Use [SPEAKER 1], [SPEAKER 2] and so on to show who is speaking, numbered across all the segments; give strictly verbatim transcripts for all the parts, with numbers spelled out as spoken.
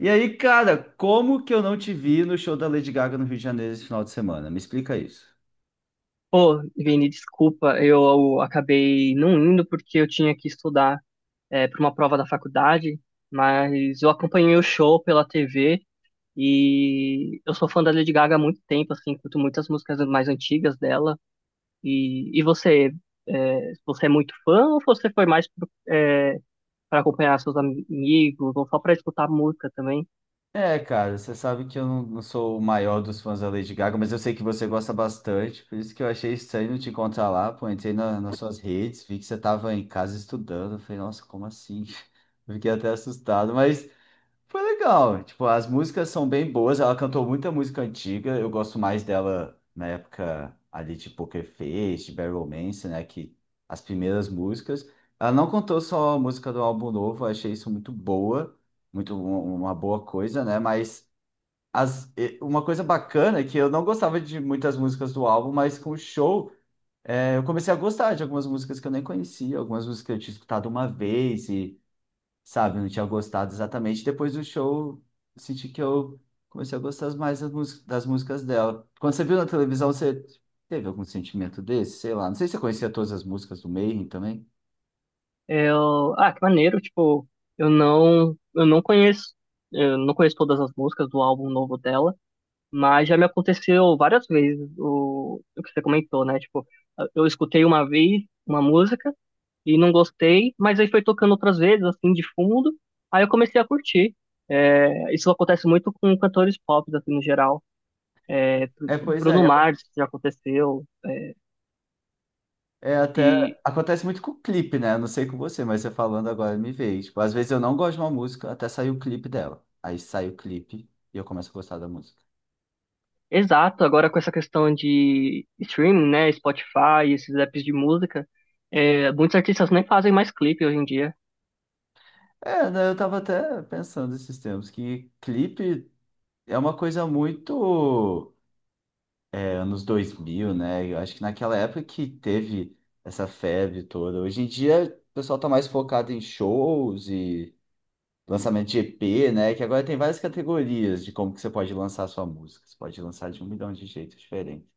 [SPEAKER 1] E aí, cara, como que eu não te vi no show da Lady Gaga no Rio de Janeiro esse final de semana? Me explica isso.
[SPEAKER 2] Pô, Vini, desculpa, eu acabei não indo porque eu tinha que estudar para uma prova da faculdade, mas eu acompanhei o show pela T V e eu sou fã da Lady Gaga há muito tempo, assim, curto muitas músicas mais antigas dela. E, e você, é, você é muito fã ou você foi mais para acompanhar seus amigos ou só para escutar música também?
[SPEAKER 1] É, cara, você sabe que eu não, não sou o maior dos fãs da Lady Gaga, mas eu sei que você gosta bastante, por isso que eu achei estranho te encontrar lá, pô, entrei na- nas suas redes, vi que você estava em casa estudando, eu falei, nossa, como assim? Fiquei até assustado, mas Foi legal. Tipo, as músicas são bem boas. Ela cantou muita música antiga. Eu gosto mais dela na época ali de Poker Face, de Barry Romance, né? Que as primeiras músicas. Ela não cantou só a música do álbum novo. Eu achei isso muito boa, muito um- uma boa coisa, né? Mas as, e- uma coisa bacana é que eu não gostava de muitas músicas do álbum, mas com o show é, eu comecei a gostar de algumas músicas que eu nem conhecia, algumas músicas que eu tinha escutado uma vez, sabe? Eu não tinha gostado exatamente. Depois do show, eu senti que eu comecei a gostar mais das, mús- das músicas dela. Quando você viu na televisão, você teve algum sentimento desse? Sei lá. Não sei se você conhecia todas as músicas do Mayhem também.
[SPEAKER 2] Eu, ah, que maneiro, tipo, eu não, eu não conheço, eu não conheço todas as músicas do álbum novo dela. Mas já me aconteceu várias vezes o, o que você comentou, né? Tipo, eu escutei uma vez uma música e não gostei, mas aí foi tocando outras vezes, assim, de fundo, aí eu comecei a curtir. É, isso acontece muito com cantores pop, assim, no geral.
[SPEAKER 1] É, pois é.
[SPEAKER 2] Bruno
[SPEAKER 1] E aco-
[SPEAKER 2] Mars já aconteceu.
[SPEAKER 1] É até
[SPEAKER 2] E,
[SPEAKER 1] acontece muito com o clipe, né? Eu não sei com você, mas você falando agora me veio. Tipo, às vezes eu não gosto de uma música até sair o clipe dela. Aí sai o clipe e eu começo a gostar da música.
[SPEAKER 2] exato, agora com essa questão de streaming, né? Spotify, esses apps de música, é, muitos artistas nem fazem mais clipe hoje em dia.
[SPEAKER 1] É, né? Eu tava até pensando esses tempos que clipe é uma coisa muito anos dois mil, né? Eu acho que naquela época que teve essa febre toda. Hoje em dia, o pessoal tá mais focado em shows e lançamento de E P, né? Que agora tem várias categorias de como que você pode lançar a sua música. Você pode lançar de um milhão de jeitos diferentes.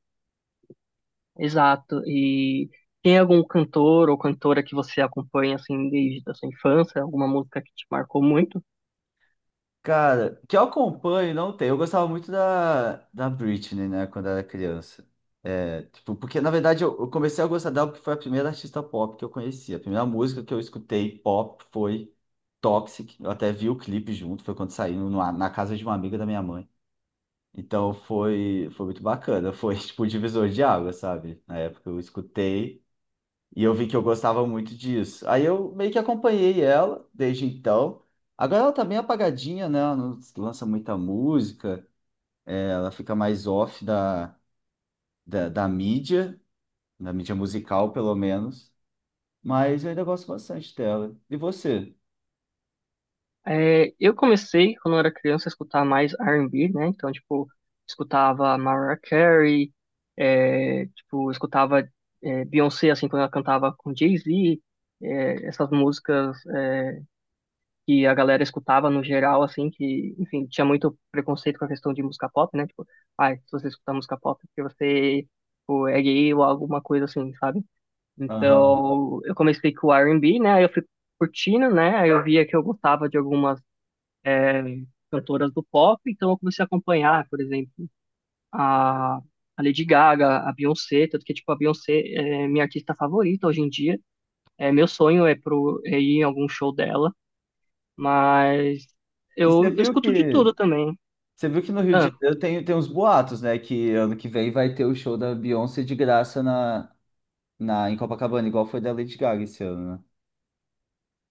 [SPEAKER 2] Exato. E tem algum cantor ou cantora que você acompanha assim desde a sua infância, alguma música que te marcou muito?
[SPEAKER 1] Cara, que eu acompanho não tem. Eu gostava muito da, da Britney, né, quando era criança. É, tipo, porque na verdade eu, eu comecei a gostar dela porque foi a primeira artista pop que eu conheci. A primeira música que eu escutei pop foi Toxic. Eu até vi o clipe junto, foi quando saiu numa- na casa de uma amiga da minha mãe. Então foi, foi muito bacana. Foi tipo o divisor de água, sabe? Na época eu escutei. E eu vi que eu gostava muito disso. Aí eu meio que acompanhei ela desde então. Agora ela tá bem apagadinha, né? Ela não lança muita música, ela fica mais off da, da, da mídia, da mídia, musical, pelo menos. Mas eu ainda gosto bastante dela. E você?
[SPEAKER 2] É, eu comecei quando eu era criança a escutar mais R and B, né? Então, tipo, escutava Mariah Carey, é, tipo, escutava é, Beyoncé assim quando ela cantava com Jay-Z, é, essas músicas é, que a galera escutava no geral, assim, que, enfim, tinha muito preconceito com a questão de música pop, né? Tipo, ai, se você escutar música pop é porque você, tipo, é gay ou alguma coisa assim, sabe?
[SPEAKER 1] Aham.
[SPEAKER 2] Então, eu comecei com o R and B, né? Aí eu fui curtindo, né? Aí eu via que eu gostava de algumas é, cantoras do pop, então eu comecei a acompanhar, por exemplo, a, a Lady Gaga, a Beyoncé, tanto que, tipo, a Beyoncé é minha artista favorita hoje em dia. É, meu sonho é, pro, é ir em algum show dela. Mas
[SPEAKER 1] E você
[SPEAKER 2] eu, eu
[SPEAKER 1] viu
[SPEAKER 2] escuto de
[SPEAKER 1] que
[SPEAKER 2] tudo também.
[SPEAKER 1] você viu que no Rio de
[SPEAKER 2] Ah,
[SPEAKER 1] Janeiro tem, tem uns boatos, né? Que ano que vem vai ter o show da Beyoncé de graça na, na, em Copacabana, igual foi da Lady Gaga esse ano, né?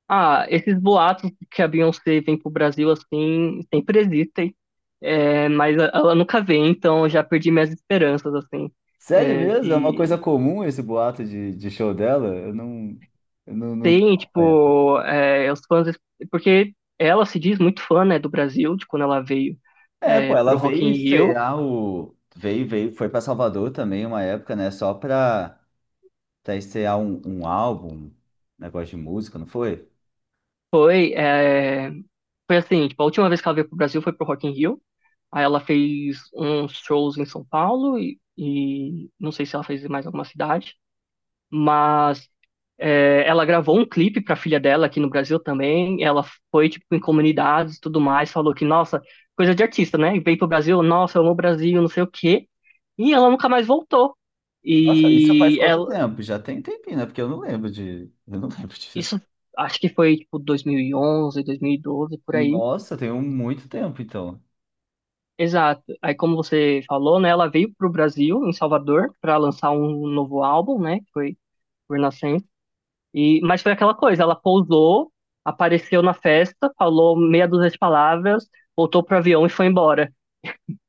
[SPEAKER 2] ah, esses boatos que a Beyoncé vem pro Brasil assim, sempre existem. É, mas a- ela nunca vem, então eu já perdi minhas esperanças, assim,
[SPEAKER 1] Sério
[SPEAKER 2] é,
[SPEAKER 1] mesmo? É uma
[SPEAKER 2] de...
[SPEAKER 1] coisa comum esse boato de, de show dela? Eu não, eu não, não tô
[SPEAKER 2] Tem,
[SPEAKER 1] acompanhando.
[SPEAKER 2] tipo, é, os fãs... Porque ela se diz muito fã, né, do Brasil, de quando ela veio
[SPEAKER 1] É, pô,
[SPEAKER 2] é,
[SPEAKER 1] ela
[SPEAKER 2] pro Rock
[SPEAKER 1] veio
[SPEAKER 2] in Rio.
[SPEAKER 1] estrear o. Veio, veio, foi para Salvador também uma época, né? Só pra, pra estrear um, um álbum, um negócio de música, não foi?
[SPEAKER 2] Foi, é, foi assim, tipo, a última vez que ela veio pro Brasil foi pro Rock in Rio. Aí ela fez uns shows em São Paulo e, e não sei se ela fez em mais alguma cidade, mas é, ela gravou um clipe para a filha dela aqui no Brasil também. Ela foi tipo em comunidades e tudo mais, falou que nossa, coisa de artista, né? E veio pro Brasil, nossa, eu amo o Brasil, não sei o quê. E ela nunca mais voltou.
[SPEAKER 1] Nossa, isso faz
[SPEAKER 2] E
[SPEAKER 1] quanto
[SPEAKER 2] ela,
[SPEAKER 1] tempo? Já tem tempinho, né? Porque eu não lembro de. Eu não lembro
[SPEAKER 2] isso
[SPEAKER 1] disso.
[SPEAKER 2] acho que foi tipo dois mil e onze, dois mil e doze por aí.
[SPEAKER 1] Nossa, tem um muito tempo, então.
[SPEAKER 2] Exato. Aí, como você falou, né, ela veio pro Brasil, em Salvador, para lançar um novo álbum, né, que foi por Inocência. E, mas foi aquela coisa, ela pousou, apareceu na festa, falou meia dúzia de palavras, voltou pro avião e foi embora.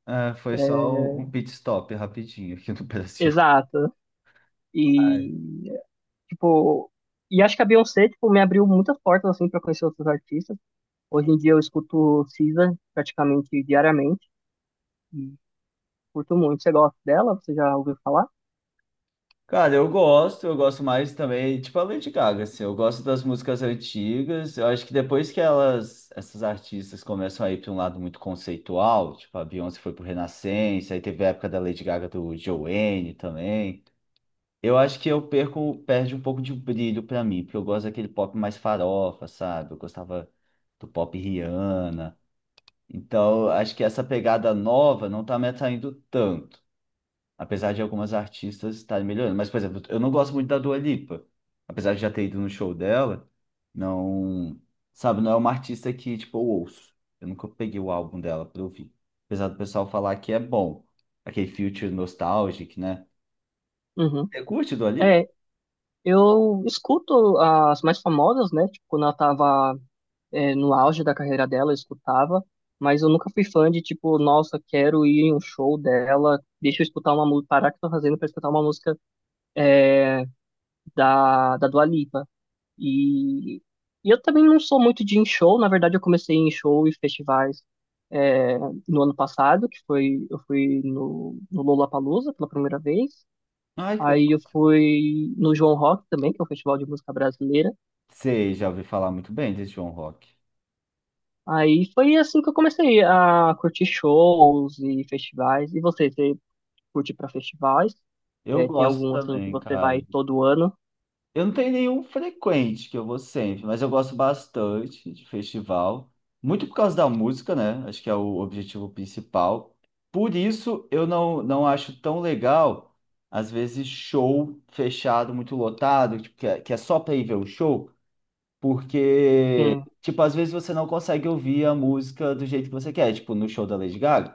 [SPEAKER 1] É, foi só um pit stop rapidinho aqui no Brasil.
[SPEAKER 2] Exato. E, tipo, e acho que a Beyoncé, tipo, me abriu muitas portas, assim, para conhecer outros artistas. Hoje em dia eu escuto S Z A praticamente diariamente e curto muito. Você gosta dela? Você já ouviu falar?
[SPEAKER 1] Cara, eu gosto, eu gosto mais também, tipo a Lady Gaga, assim, eu gosto das músicas antigas, eu acho que depois que elas, essas artistas começam a ir para um lado muito conceitual, tipo a Beyoncé foi pro Renascença, aí teve a época da Lady Gaga do Joanne também, eu acho que eu perco, perde um pouco de brilho para mim, porque eu gosto daquele pop mais farofa, sabe? Eu gostava do pop Rihanna, então acho que essa pegada nova não tá me atraindo tanto. Apesar de algumas artistas estarem melhorando. Mas, por exemplo, eu não gosto muito da Dua Lipa. Apesar de já ter ido no show dela, não. Sabe, não é uma artista que, tipo, eu ouço. Eu nunca peguei o álbum dela pra ouvir. Apesar do pessoal falar que é bom. Aquele Future Nostalgic, né?
[SPEAKER 2] Uhum.
[SPEAKER 1] Você curte Dua Lipa?
[SPEAKER 2] É, eu escuto as mais famosas, né? Tipo, quando ela tava é, no auge da carreira dela, eu escutava, mas eu nunca fui fã de tipo, nossa, quero ir em um show dela, deixa eu escutar uma música, parar o que eu tô fazendo pra escutar uma música da, da Dua Lipa. E, e eu também não sou muito de ir em show, na verdade eu comecei em show e festivais é, no ano passado, que foi, eu fui no, no Lollapalooza pela primeira vez,
[SPEAKER 1] Ai, que
[SPEAKER 2] aí eu
[SPEAKER 1] legal.
[SPEAKER 2] fui no João Rock também, que é um festival de música brasileira.
[SPEAKER 1] Sei, já ouvi falar muito bem desse João Rock.
[SPEAKER 2] Aí foi assim que eu comecei a curtir shows e festivais. E você, você curte pra festivais?
[SPEAKER 1] Eu
[SPEAKER 2] É, tem
[SPEAKER 1] gosto
[SPEAKER 2] algum assim que
[SPEAKER 1] também,
[SPEAKER 2] você vai
[SPEAKER 1] cara.
[SPEAKER 2] todo ano?
[SPEAKER 1] Eu não tenho nenhum frequente que eu vou sempre, mas eu gosto bastante de festival, muito por causa da música, né? Acho que é o objetivo principal. Por isso eu não, não acho tão legal, às vezes, show fechado, muito lotado, tipo, que é, que é só para ir ver o show, porque,
[SPEAKER 2] Sim,
[SPEAKER 1] tipo, às vezes você não consegue ouvir a música do jeito que você quer, tipo, no show da Lady Gaga.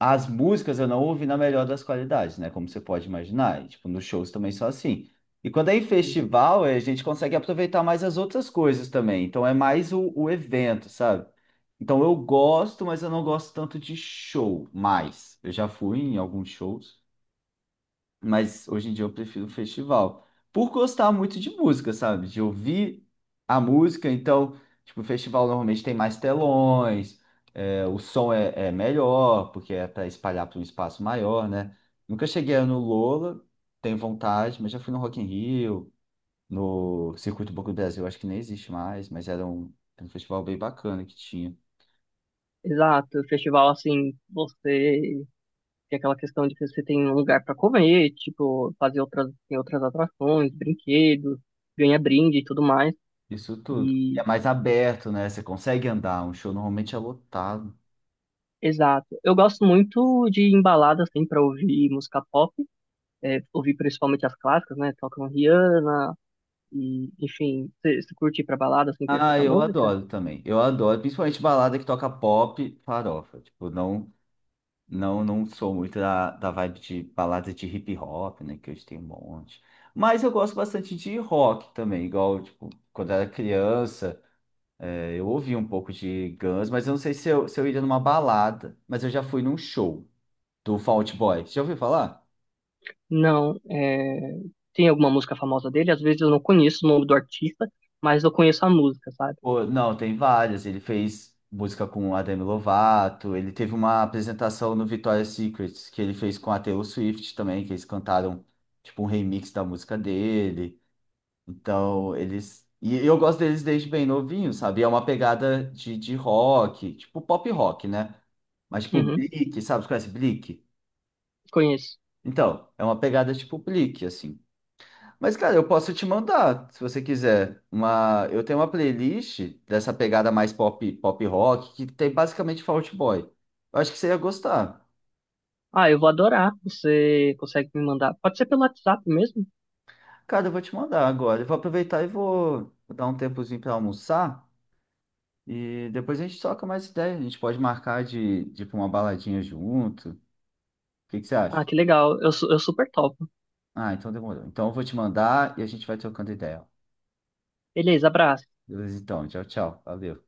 [SPEAKER 1] As músicas eu não ouvi na melhor das qualidades, né? Como você pode imaginar. E, tipo, nos shows também só assim. E quando é em
[SPEAKER 2] sim.
[SPEAKER 1] festival, eh, a gente consegue aproveitar mais as outras coisas também. Então é mais o, o evento, sabe? Então eu gosto, mas eu não gosto tanto de show mais. Eu já fui em alguns shows. Mas hoje em dia eu prefiro o festival. Por gostar muito de música, sabe? De ouvir a música. Então, tipo, o festival normalmente tem mais telões, é, o som é, é melhor, porque é para espalhar para um espaço maior, né? Nunca cheguei no Lola, tenho vontade, mas já fui no Rock in Rio, no Circuito Boca do Brasil, acho que nem existe mais, mas era um, era um festival bem bacana que tinha.
[SPEAKER 2] Exato. Festival assim, você tem aquela questão de que você tem um lugar pra comer, tipo, fazer outras, tem outras atrações, brinquedos, ganha brinde e tudo mais.
[SPEAKER 1] Isso tudo. E
[SPEAKER 2] E
[SPEAKER 1] É mais aberto, né? Você consegue andar, um show normalmente é lotado.
[SPEAKER 2] exato. Eu gosto muito de embalada assim para ouvir música pop, é, ouvir principalmente as clássicas, né? Tocam Rihanna, e, enfim, você você curte ir pra balada assim pra
[SPEAKER 1] Ah,
[SPEAKER 2] escutar
[SPEAKER 1] eu
[SPEAKER 2] música?
[SPEAKER 1] adoro também. Eu adoro, principalmente balada que toca pop, farofa. Tipo, não, não, não sou muito da, da vibe de balada de hip hop, né? Que hoje tem um monte. Mas eu gosto bastante de rock também, igual, tipo, quando era criança, eh, eu ouvia um pouco de Guns, mas eu não sei se eu, se eu iria numa balada, mas eu já fui num show do Fall Out Boy. Você já ouviu falar?
[SPEAKER 2] Não. É... Tem alguma música famosa dele? Às vezes eu não conheço o nome do artista, mas eu conheço a música, sabe?
[SPEAKER 1] Pô, não, tem várias. Ele fez música com a Demi Lovato, ele teve uma apresentação no Victoria's Secret que ele fez com a Taylor Swift também, que eles cantaram tipo um remix da música dele. Então, eles. E eu gosto deles desde bem novinho, sabe? É uma pegada de, de rock, tipo pop rock, né? Mas tipo
[SPEAKER 2] Uhum,
[SPEAKER 1] Bleak, sabe? Você conhece Bleak?
[SPEAKER 2] conheço.
[SPEAKER 1] Então, é uma pegada tipo Bleak, assim. Mas, cara, eu posso te mandar, se você quiser, uma... Eu tenho uma playlist dessa pegada mais pop, pop rock, que tem basicamente Fault Boy. Eu acho que você ia gostar.
[SPEAKER 2] Ah, eu vou adorar. Você consegue me mandar? Pode ser pelo WhatsApp mesmo?
[SPEAKER 1] Cara, eu vou te mandar agora. Eu vou aproveitar e vou vou dar um tempozinho pra almoçar. E depois a gente troca mais ideia. A gente pode marcar de, de ir pra uma baladinha junto. O que que você
[SPEAKER 2] Ah,
[SPEAKER 1] acha?
[SPEAKER 2] que legal. Eu, su- eu super topo.
[SPEAKER 1] Ah, então demorou. Então eu vou te mandar e a gente vai trocando ideia.
[SPEAKER 2] Beleza, abraço.
[SPEAKER 1] Beleza, então. Tchau, tchau. Valeu.